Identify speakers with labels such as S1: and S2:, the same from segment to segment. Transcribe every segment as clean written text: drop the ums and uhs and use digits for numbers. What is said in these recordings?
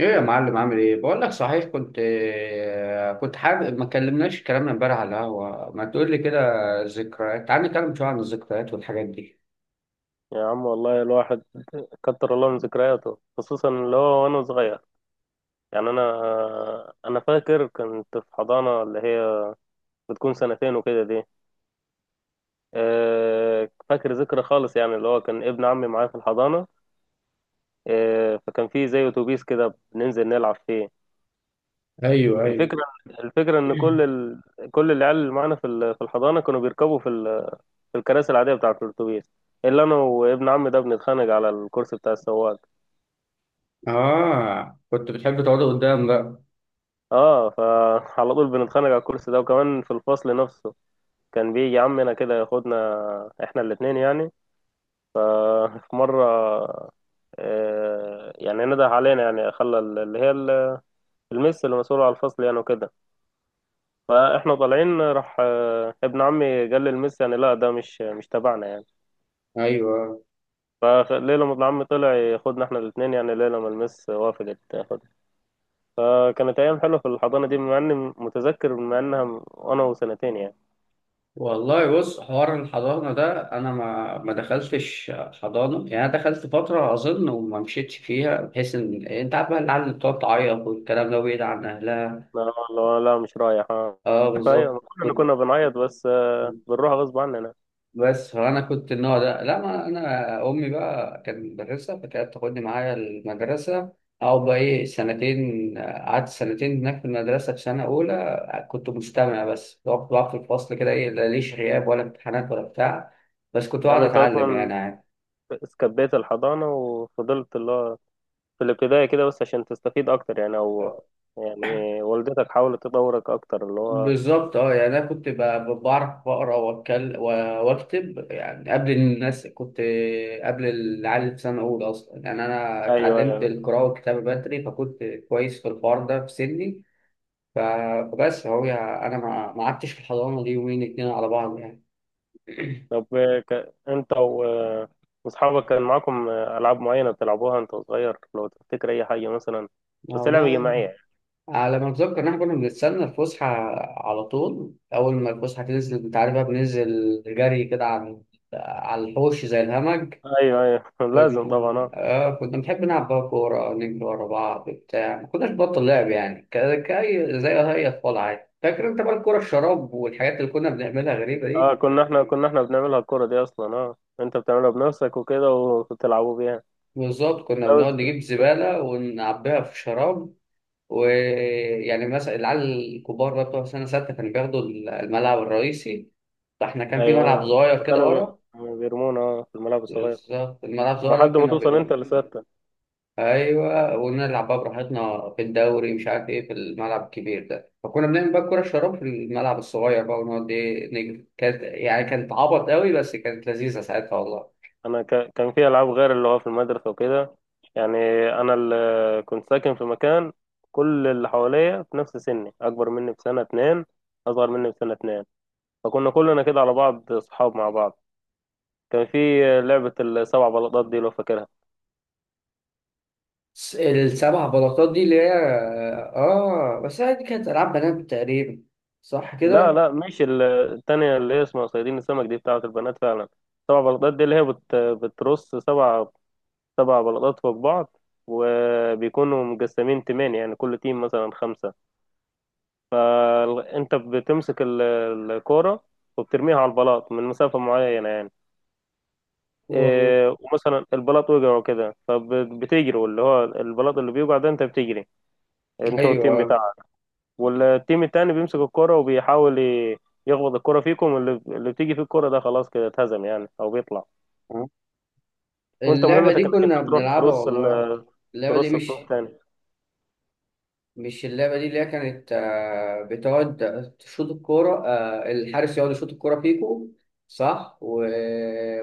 S1: ايه، يا معلم عامل ايه؟ بقول لك صحيح، كنت حابب ما كلمناش كلامنا امبارح على القهوه. ما تقول لي كده ذكريات. تعال نتكلم شويه عن الذكريات والحاجات دي.
S2: يا عم، والله الواحد كتر الله من ذكرياته، خصوصا اللي هو وانا صغير. يعني انا فاكر كنت في حضانه، اللي هي بتكون سنتين وكده دي. فاكر ذكرى خالص، يعني اللي هو كان ابن عمي معايا في الحضانه. فكان في زي اتوبيس كده بننزل نلعب فيه.
S1: ايوه، ايوه.
S2: الفكره الفكره ان كل كل العيال اللي معانا في الحضانه كانوا بيركبوا في الكراسي العاديه بتاعه الاتوبيس. الا انا وابن عمي ده بنتخانق على الكرسي بتاع السواق.
S1: اه، كنت بتحب تقعد قدام بقى.
S2: اه. فعلى طول بنتخانق على الكرسي ده، وكمان في الفصل نفسه كان بيجي عمنا كده ياخدنا احنا الاتنين يعني. في مرة، يعني نده علينا، يعني خلى اللي هي المس اللي مسؤولة على الفصل يعني وكده. فاحنا طالعين راح، ابن عمي قال للمس، يعني لا ده مش تبعنا يعني.
S1: ايوه،
S2: فليلة ما ابن عمي طلع ياخدنا احنا الاتنين يعني، ليلة ما المس وافقت تاخدنا. فكانت أيام حلوة في الحضانة دي، مع إني متذكر مع إنها وأنا وسنتين يعني.
S1: والله بص، حوار الحضانه ده انا ما دخلتش حضانه، يعني انا دخلت فتره اظن وما مشيتش فيها، بحيث ان انت عارف بقى العيال اللي بتقعد تعيط والكلام ده بعيد عن اهلها.
S2: لا، لا، لا، مش رايح. اه،
S1: اه،
S2: ايوه، ما
S1: بالظبط
S2: كلنا
S1: كنت.
S2: كنا بنعيط بس. بنروح غصب عننا.
S1: بس فانا كنت النوع ده لا، ما انا امي بقى كانت مدرسه فكانت تاخدني معايا المدرسه. او بقى ايه، سنتين قعدت سنتين هناك في المدرسه، في سنه اولى كنت مستمع بس، كنت بقعد في الفصل كده، ايه لا ليش غياب ولا امتحانات ولا بتاع، بس كنت بقعد
S2: يعني انت
S1: اتعلم
S2: اصلا
S1: يعني.
S2: سكبيت الحضانه وفضلت اللي هو في الابتدائي كده بس عشان تستفيد اكتر يعني، او يعني والدتك حاولت تدورك اكتر اللي هو.
S1: بالظبط، اه يعني انا كنت بعرف اقرا واتكلم واكتب يعني قبل الناس، كنت قبل العيال اللي في سنه اولى اصلا يعني. انا
S2: ايوه
S1: اتعلمت
S2: ايوه.
S1: القراءه والكتابه بدري، فكنت كويس في الحوار ده في سني. ف- فبس هو يعني انا ما قعدتش في الحضانه دي يومين اتنين على بعض يعني.
S2: طب، انت و واصحابك كان معاكم العاب معينه بتلعبوها انت صغير لو تفتكر اي حاجه مثلا، بس لعبه
S1: والله
S2: جماعيه.
S1: على ما اتذكر ان احنا كنا بنستنى الفسحه، على طول اول ما الفسحه تنزل انت عارف بقى بننزل جري كده على الحوش زي الهمج.
S2: ايوه ايوه. لازم طبعا
S1: كنا
S2: آه.
S1: آه كنا بنحب نلعب بقى كورة، نجري ورا بعض بتاع، ما كناش بطل لعب يعني، كأي زي أي أطفال عادي. فاكر أنت بقى الكورة الشراب والحاجات اللي كنا بنعملها غريبة
S2: اه
S1: دي؟
S2: كنا احنا كنا احنا بنعملها الكرة دي اصلا. اه، انت بتعملها بنفسك وكده وبتلعبوا بيها.
S1: بالظبط، كنا
S2: لا بس.
S1: بنقعد نجيب زبالة ونعبيها في شراب. ويعني مثلا العيال الكبار بقى بتوع سنة ستة كانوا بياخدوا الملعب الرئيسي، فاحنا كان في ملعب
S2: ايوه،
S1: صغير
S2: ما
S1: كده ورا.
S2: كانوا بيرمونا اه في الملعب الصغير.
S1: بالظبط، الملعب الصغير ده
S2: لحد ما
S1: كنا
S2: توصل انت لسته.
S1: ايوه، ونلعب بقى براحتنا في الدوري مش عارف ايه في الملعب الكبير ده. فكنا بنعمل بقى الكوره الشراب في الملعب الصغير بقى، ونقعد ايه نجري. كانت يعني كانت عبط قوي، بس كانت لذيذه ساعتها والله.
S2: انا كان في العاب غير اللي هو في المدرسه وكده، يعني انا اللي كنت ساكن في مكان كل اللي حواليا في نفس سني، اكبر مني بسنه اتنين، اصغر مني بسنه اتنين. فكنا كلنا كده على بعض اصحاب مع بعض. كان في لعبه السبع بلاطات دي، لو فاكرها.
S1: السبع بلاطات دي اللي هي، اه بس هي دي كانت العاب بنات تقريبا، صح
S2: لا
S1: كده؟
S2: لا، مش التانية اللي هي اسمها صيادين السمك دي بتاعة البنات فعلا. سبع بلاطات دي اللي هي بترص سبع، سبع بلاطات فوق بعض، وبيكونوا مقسمين تيمين يعني كل تيم مثلا خمسة. انت بتمسك الكورة، وبترميها على البلاط من مسافة معينة يعني.
S1: والله
S2: إيه، ومثلا البلاط وقع وكده، فبتجري واللي هو البلاط اللي بيوقع ده انت بتجري انت والتيم
S1: ايوه،
S2: بتاعك. والتيم التاني بيمسك الكرة وبيحاول يخبط الكرة فيكم، اللي بتيجي فيه الكرة ده خلاص كده اتهزم يعني، او بيطلع.
S1: آه.
S2: وانت
S1: اللعبه
S2: مهمتك
S1: دي
S2: انك انت
S1: كنا
S2: تروح
S1: بنلعبها
S2: ترص
S1: والله. اللعبه دي
S2: ترص الطوب
S1: مش
S2: تاني.
S1: مش اللعبة دي، اللي هي كانت بتقعد تشوط الكورة، الحارس يقعد يشوط الكورة فيكو، صح؟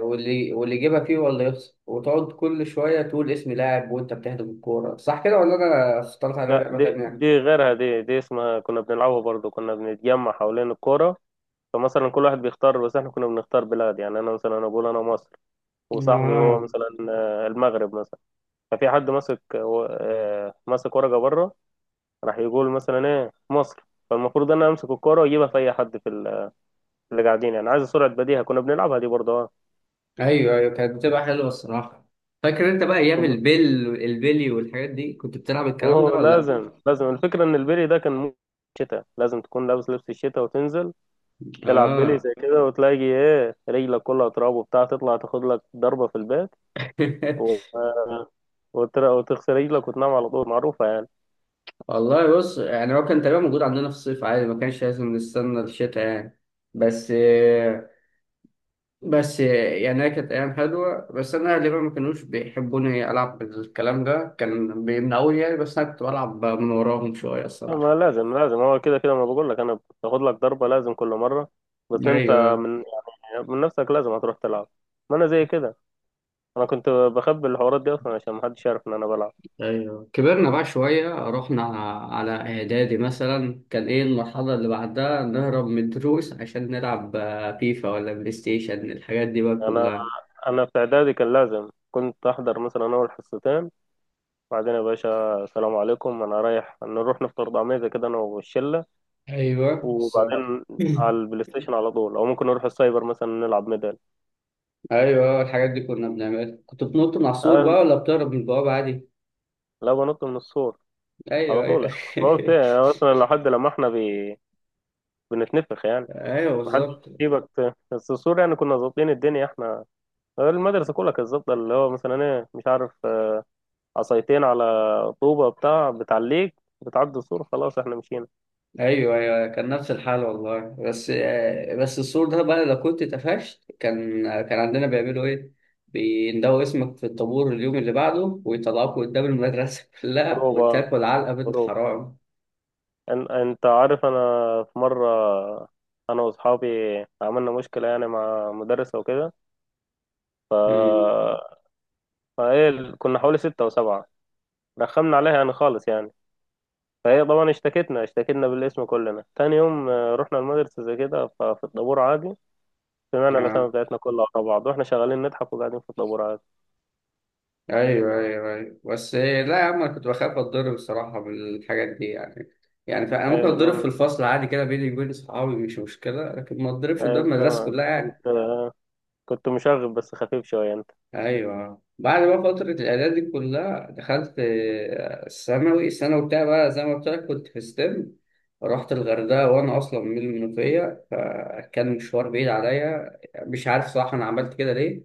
S1: واللي يجيبها فيه، ولا يخسر، وتقعد كل شوية تقول اسم لاعب وأنت بتهدف الكورة، صح كده ولا أنا اخترت على
S2: لا،
S1: لعبة
S2: دي
S1: تانية؟
S2: دي غيرها، دي اسمها كنا بنلعبها برضو. كنا بنتجمع حوالين الكرة، فمثلا كل واحد بيختار، بس احنا كنا بنختار بلاد يعني، انا مثلا انا بقول انا مصر، وصاحبي هو
S1: آه،
S2: مثلا المغرب مثلا. ففي حد ماسك، ماسك ورقة بره راح يقول مثلا ايه مصر، فالمفروض ان انا امسك الكرة واجيبها في اي حد في اللي قاعدين يعني. عايز سرعة بديهة كنا بنلعبها دي برضه اه.
S1: أيوه أيوه، كانت بتبقى حلوة الصراحة. فاكر أنت بقى أيام
S2: طب-
S1: البلي والحاجات دي، كنت بتلعب الكلام ده
S2: اوه
S1: ولا لأ؟
S2: لازم لازم. الفكرة ان البيلي ده كان مو شتاء، لازم تكون لابس لبس الشتاء وتنزل تلعب بيلي
S1: آه.
S2: زي كده، وتلاقي ايه رجلك كلها تراب وبتاع، تطلع تاخد لك ضربة في البيت و... وتغسل رجلك وتنام على طول، معروفة يعني.
S1: والله بص، يعني هو كان تقريبا موجود عندنا في الصيف عادي، ما كانش لازم نستنى الشتاء يعني. بس بس يعني هي كانت أيام حلوة، بس أنا أهلي بقى ما كانوش بيحبوني ألعب الكلام ده، كان بيمنعوني يعني، بس أنا كنت بلعب من وراهم شوية
S2: ما
S1: الصراحة.
S2: لازم لازم، هو كده كده ما بقول لك انا بتاخد لك ضربة لازم كل مرة، بس انت
S1: أيوه
S2: من يعني من نفسك لازم هتروح تلعب. ما انا زي كده، انا كنت بخبي الحوارات دي اصلا عشان محدش يعرف ان انا بلعب.
S1: أيوه، كبرنا بقى شوية، رحنا على إعدادي مثلا، كان إيه المرحلة اللي بعدها؟ نهرب من الدروس عشان نلعب فيفا ولا بلاي ستيشن، الحاجات دي بقى
S2: انا
S1: كلها.
S2: انا في اعدادي كان لازم كنت احضر مثلا اول حصتين، وبعدين يا باشا السلام عليكم، انا رايح نروح نفطر طعمية كده انا والشله.
S1: ايوه بالظبط.
S2: وبعدين على البلاي ستيشن على طول، او ممكن نروح السايبر مثلا نلعب ميدل.
S1: ايوه، الحاجات دي كنا بنعملها. كنت بتنط من على السور بقى،
S2: أنا
S1: ولا بتهرب من البوابه عادي؟
S2: لا، بنط من السور على
S1: ايوه
S2: طول
S1: ايوه.
S2: يعني. قلت يعني اصلا لحد لما احنا بنتنفخ يعني
S1: ايوه
S2: محدش
S1: بالظبط.
S2: يجيبك بس السور يعني، كنا ظابطين الدنيا احنا. المدرسه كلها كانت ظابطه، اللي هو مثلا ايه مش عارف عصايتين على طوبه بتاع بتعليك بتعدي السور، خلاص احنا مشينا.
S1: ايوه ايوه، كان نفس الحال والله. بس بس السور ده بقى لو كنت اتقفشت، كان عندنا بيعملوا ايه؟ بيندوا اسمك في الطابور اليوم اللي بعده، ويطلعوك قدام المدرسه كلها،
S2: بروبا
S1: وتاكل علقه بنت
S2: بروبا.
S1: حرام.
S2: انت عارف، انا في مرة انا واصحابي عملنا مشكلة يعني مع مدرسة وكده، فهي كنا حوالي ستة او سبعة رخمنا عليها يعني خالص يعني. فهي طبعا اشتكتنا بالاسم كلنا. تاني يوم، رحنا المدرسة زي كده، ففي الطابور عادي سمعنا الأسامي
S1: امم
S2: بتاعتنا كلها ورا بعض، واحنا شغالين نضحك وقاعدين في الطابور عادي.
S1: ايوه ايوه ايوه، بس لا يا عم، انا كنت بخاف اتضرب الصراحه من الحاجات دي يعني. يعني فانا ممكن
S2: ايوه لو
S1: اتضرب في الفصل عادي كده بيني وبين اصحابي، مش مشكله، لكن ما اتضربش قدام
S2: أيوة،
S1: المدرسه
S2: انت
S1: كلها يعني.
S2: كنت كنت مشاغب بس خفيف شوية انت.
S1: ايوه، بعد بقى فتره الاعداد دي كلها، دخلت الثانوي. الثانوي بتاعي بقى زي ما قلت لك، كنت في ستيم، رحت الغردقه، وانا اصلا من المنوفيه، فكان مشوار بعيد عليا. مش عارف صراحه انا عملت كده ليه،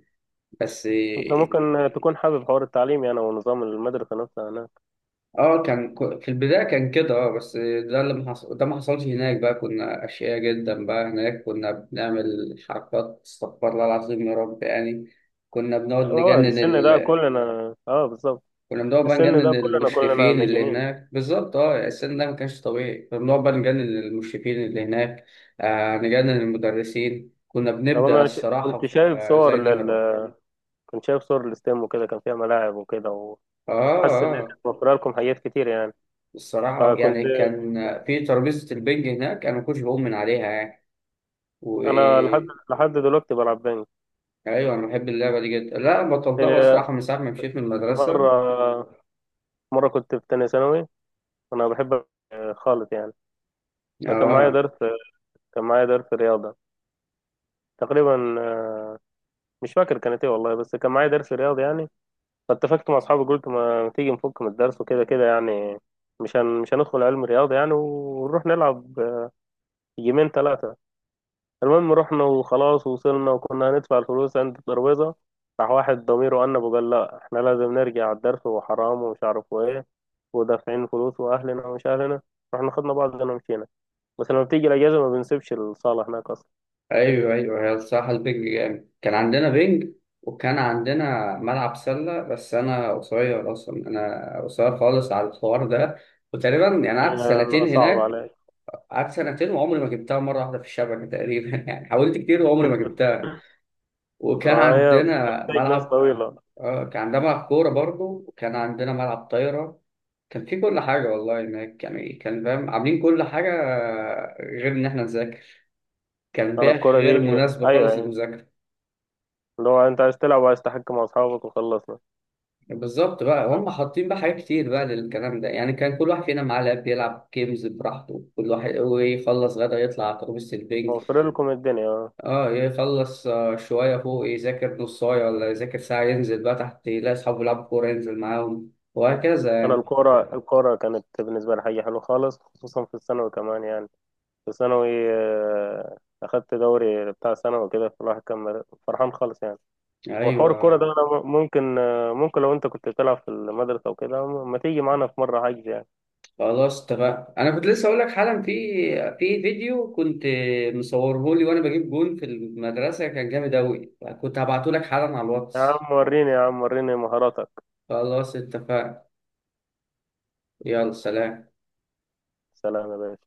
S1: بس
S2: انت ممكن تكون حابب حوار التعليم يعني ونظام المدرسة نفسها.
S1: اه كان في البداية كان كده، اه بس ده اللي ما حصل، ده ما حصلش هناك بقى. كنا أشقياء جدا بقى هناك، كنا بنعمل حركات استغفر الله العظيم يا رب يعني. كنا بنقعد
S2: اه
S1: نجنن
S2: السن ده مجانين
S1: ال...
S2: كلنا. اه بالظبط،
S1: كنا بنقعد بقى
S2: السن ده
S1: نجنن
S2: كلنا
S1: المشرفين اللي
S2: مجانين.
S1: هناك. بالظبط، اه السن ده ما كانش طبيعي، كنا بنقعد بقى نجنن المشرفين اللي هناك. آه، نجنن المدرسين. كنا
S2: طب
S1: بنبدأ
S2: انا
S1: الصراحة
S2: كنت شايف
S1: زي
S2: صور
S1: نهرب.
S2: كنت شايف صور الاستيم وكده، كان فيها ملاعب وكده،
S1: اه
S2: وحاسس ان هي
S1: اه، آه.
S2: كانت موفره لكم حاجات كتير يعني،
S1: الصراحة
S2: فكنت.
S1: يعني كان في ترابيزة البنج هناك، أنا ما كنتش بقوم من عليها يعني.
S2: انا لحد،
S1: و
S2: دلوقتي بلعب بينج.
S1: ايوه، انا بحب اللعبه دي جدا، لا بطلتها بقى
S2: إيه،
S1: الصراحه من ساعه ما مشيت من المدرسه.
S2: مره مره كنت في تانية ثانوي، انا بحب خالص يعني. فكان معايا
S1: اه،
S2: درس، كان معايا درس رياضه تقريبا، مش فاكر كانت ايه والله، بس كان معايا درس رياضه يعني. فاتفقت مع اصحابي قلت ما تيجي نفك من الدرس وكده كده يعني، مش هندخل علم رياضه يعني ونروح نلعب جيمين ثلاثه. المهم رحنا وخلاص وصلنا وكنا هندفع الفلوس عند الترابيزه، راح واحد ضميره انب وقال لا احنا لازم نرجع الدرس وحرام ومش عارف ايه، ودافعين فلوس واهلنا ومش اهلنا، رحنا خدنا بعضنا ومشينا. بس لما بتيجي الاجازه ما بنسيبش الصاله هناك اصلا.
S1: ايوه ايوه، هي الصراحه البنج جامد. كان عندنا بنج، وكان عندنا ملعب سله، بس انا قصير اصلا، انا قصير خالص على الحوار ده. وتقريبا يعني قعدت
S2: يعني
S1: سنتين
S2: صعب
S1: هناك.
S2: عليك.
S1: قعدت سنتين وعمري ما جبتها مره واحده في الشبكه تقريبا. يعني حاولت كتير وعمري ما جبتها.
S2: ما
S1: وكان
S2: هي
S1: عندنا
S2: بتحتاج ناس
S1: ملعب
S2: طويله.
S1: اه كان عندنا ملعب كورة برضه، وكان عندنا ملعب طايرة. كان في كل حاجة والله هناك يعني، كان فاهم عاملين كل حاجة غير إن إحنا نذاكر. كان
S2: انا
S1: بيئة
S2: الكره دي،
S1: غير مناسبة
S2: ايوه
S1: خالص
S2: أيوة.
S1: للمذاكرة.
S2: اللي هو انت عايز تلعب وعايز تحكي مع اصحابك وخلصنا.
S1: بالظبط، بقى هم حاطين بقى حاجات كتير بقى للكلام ده يعني. كان كل واحد فينا معاه لاب يلعب جيمز براحته كل واحد، ويخلص غدا يطلع على ترابيزة البنج.
S2: موفر لكم الدنيا اه.
S1: اه، يخلص شوية فوق يذاكر نص ساعة ولا يذاكر ساعة، ينزل بقى تحت يلاقي أصحابه يلعبوا كورة، ينزل معاهم
S2: انا
S1: وهكذا.
S2: الكوره كانت بالنسبه لي حاجه حلوه خالص خصوصا في الثانوي كمان يعني. في الثانوي، آه، اخدت دوري بتاع ثانوي كده، فالواحد كان فرحان خالص يعني. وحوار الكوره ده
S1: أيوه،
S2: انا ممكن، ممكن لو انت كنت بتلعب في المدرسه وكده ما تيجي معانا في مره حجز يعني.
S1: خلاص اتفقنا. انا كنت لسه اقول لك حالا، في فيديو كنت مصوره لي وانا بجيب جون في المدرسه، كان جامد اوي. كنت هبعته لك حالا على
S2: يا
S1: الواتس.
S2: عم وريني، يا عم وريني مهاراتك.
S1: خلاص اتفقنا، يلا سلام.
S2: سلام يا باشا.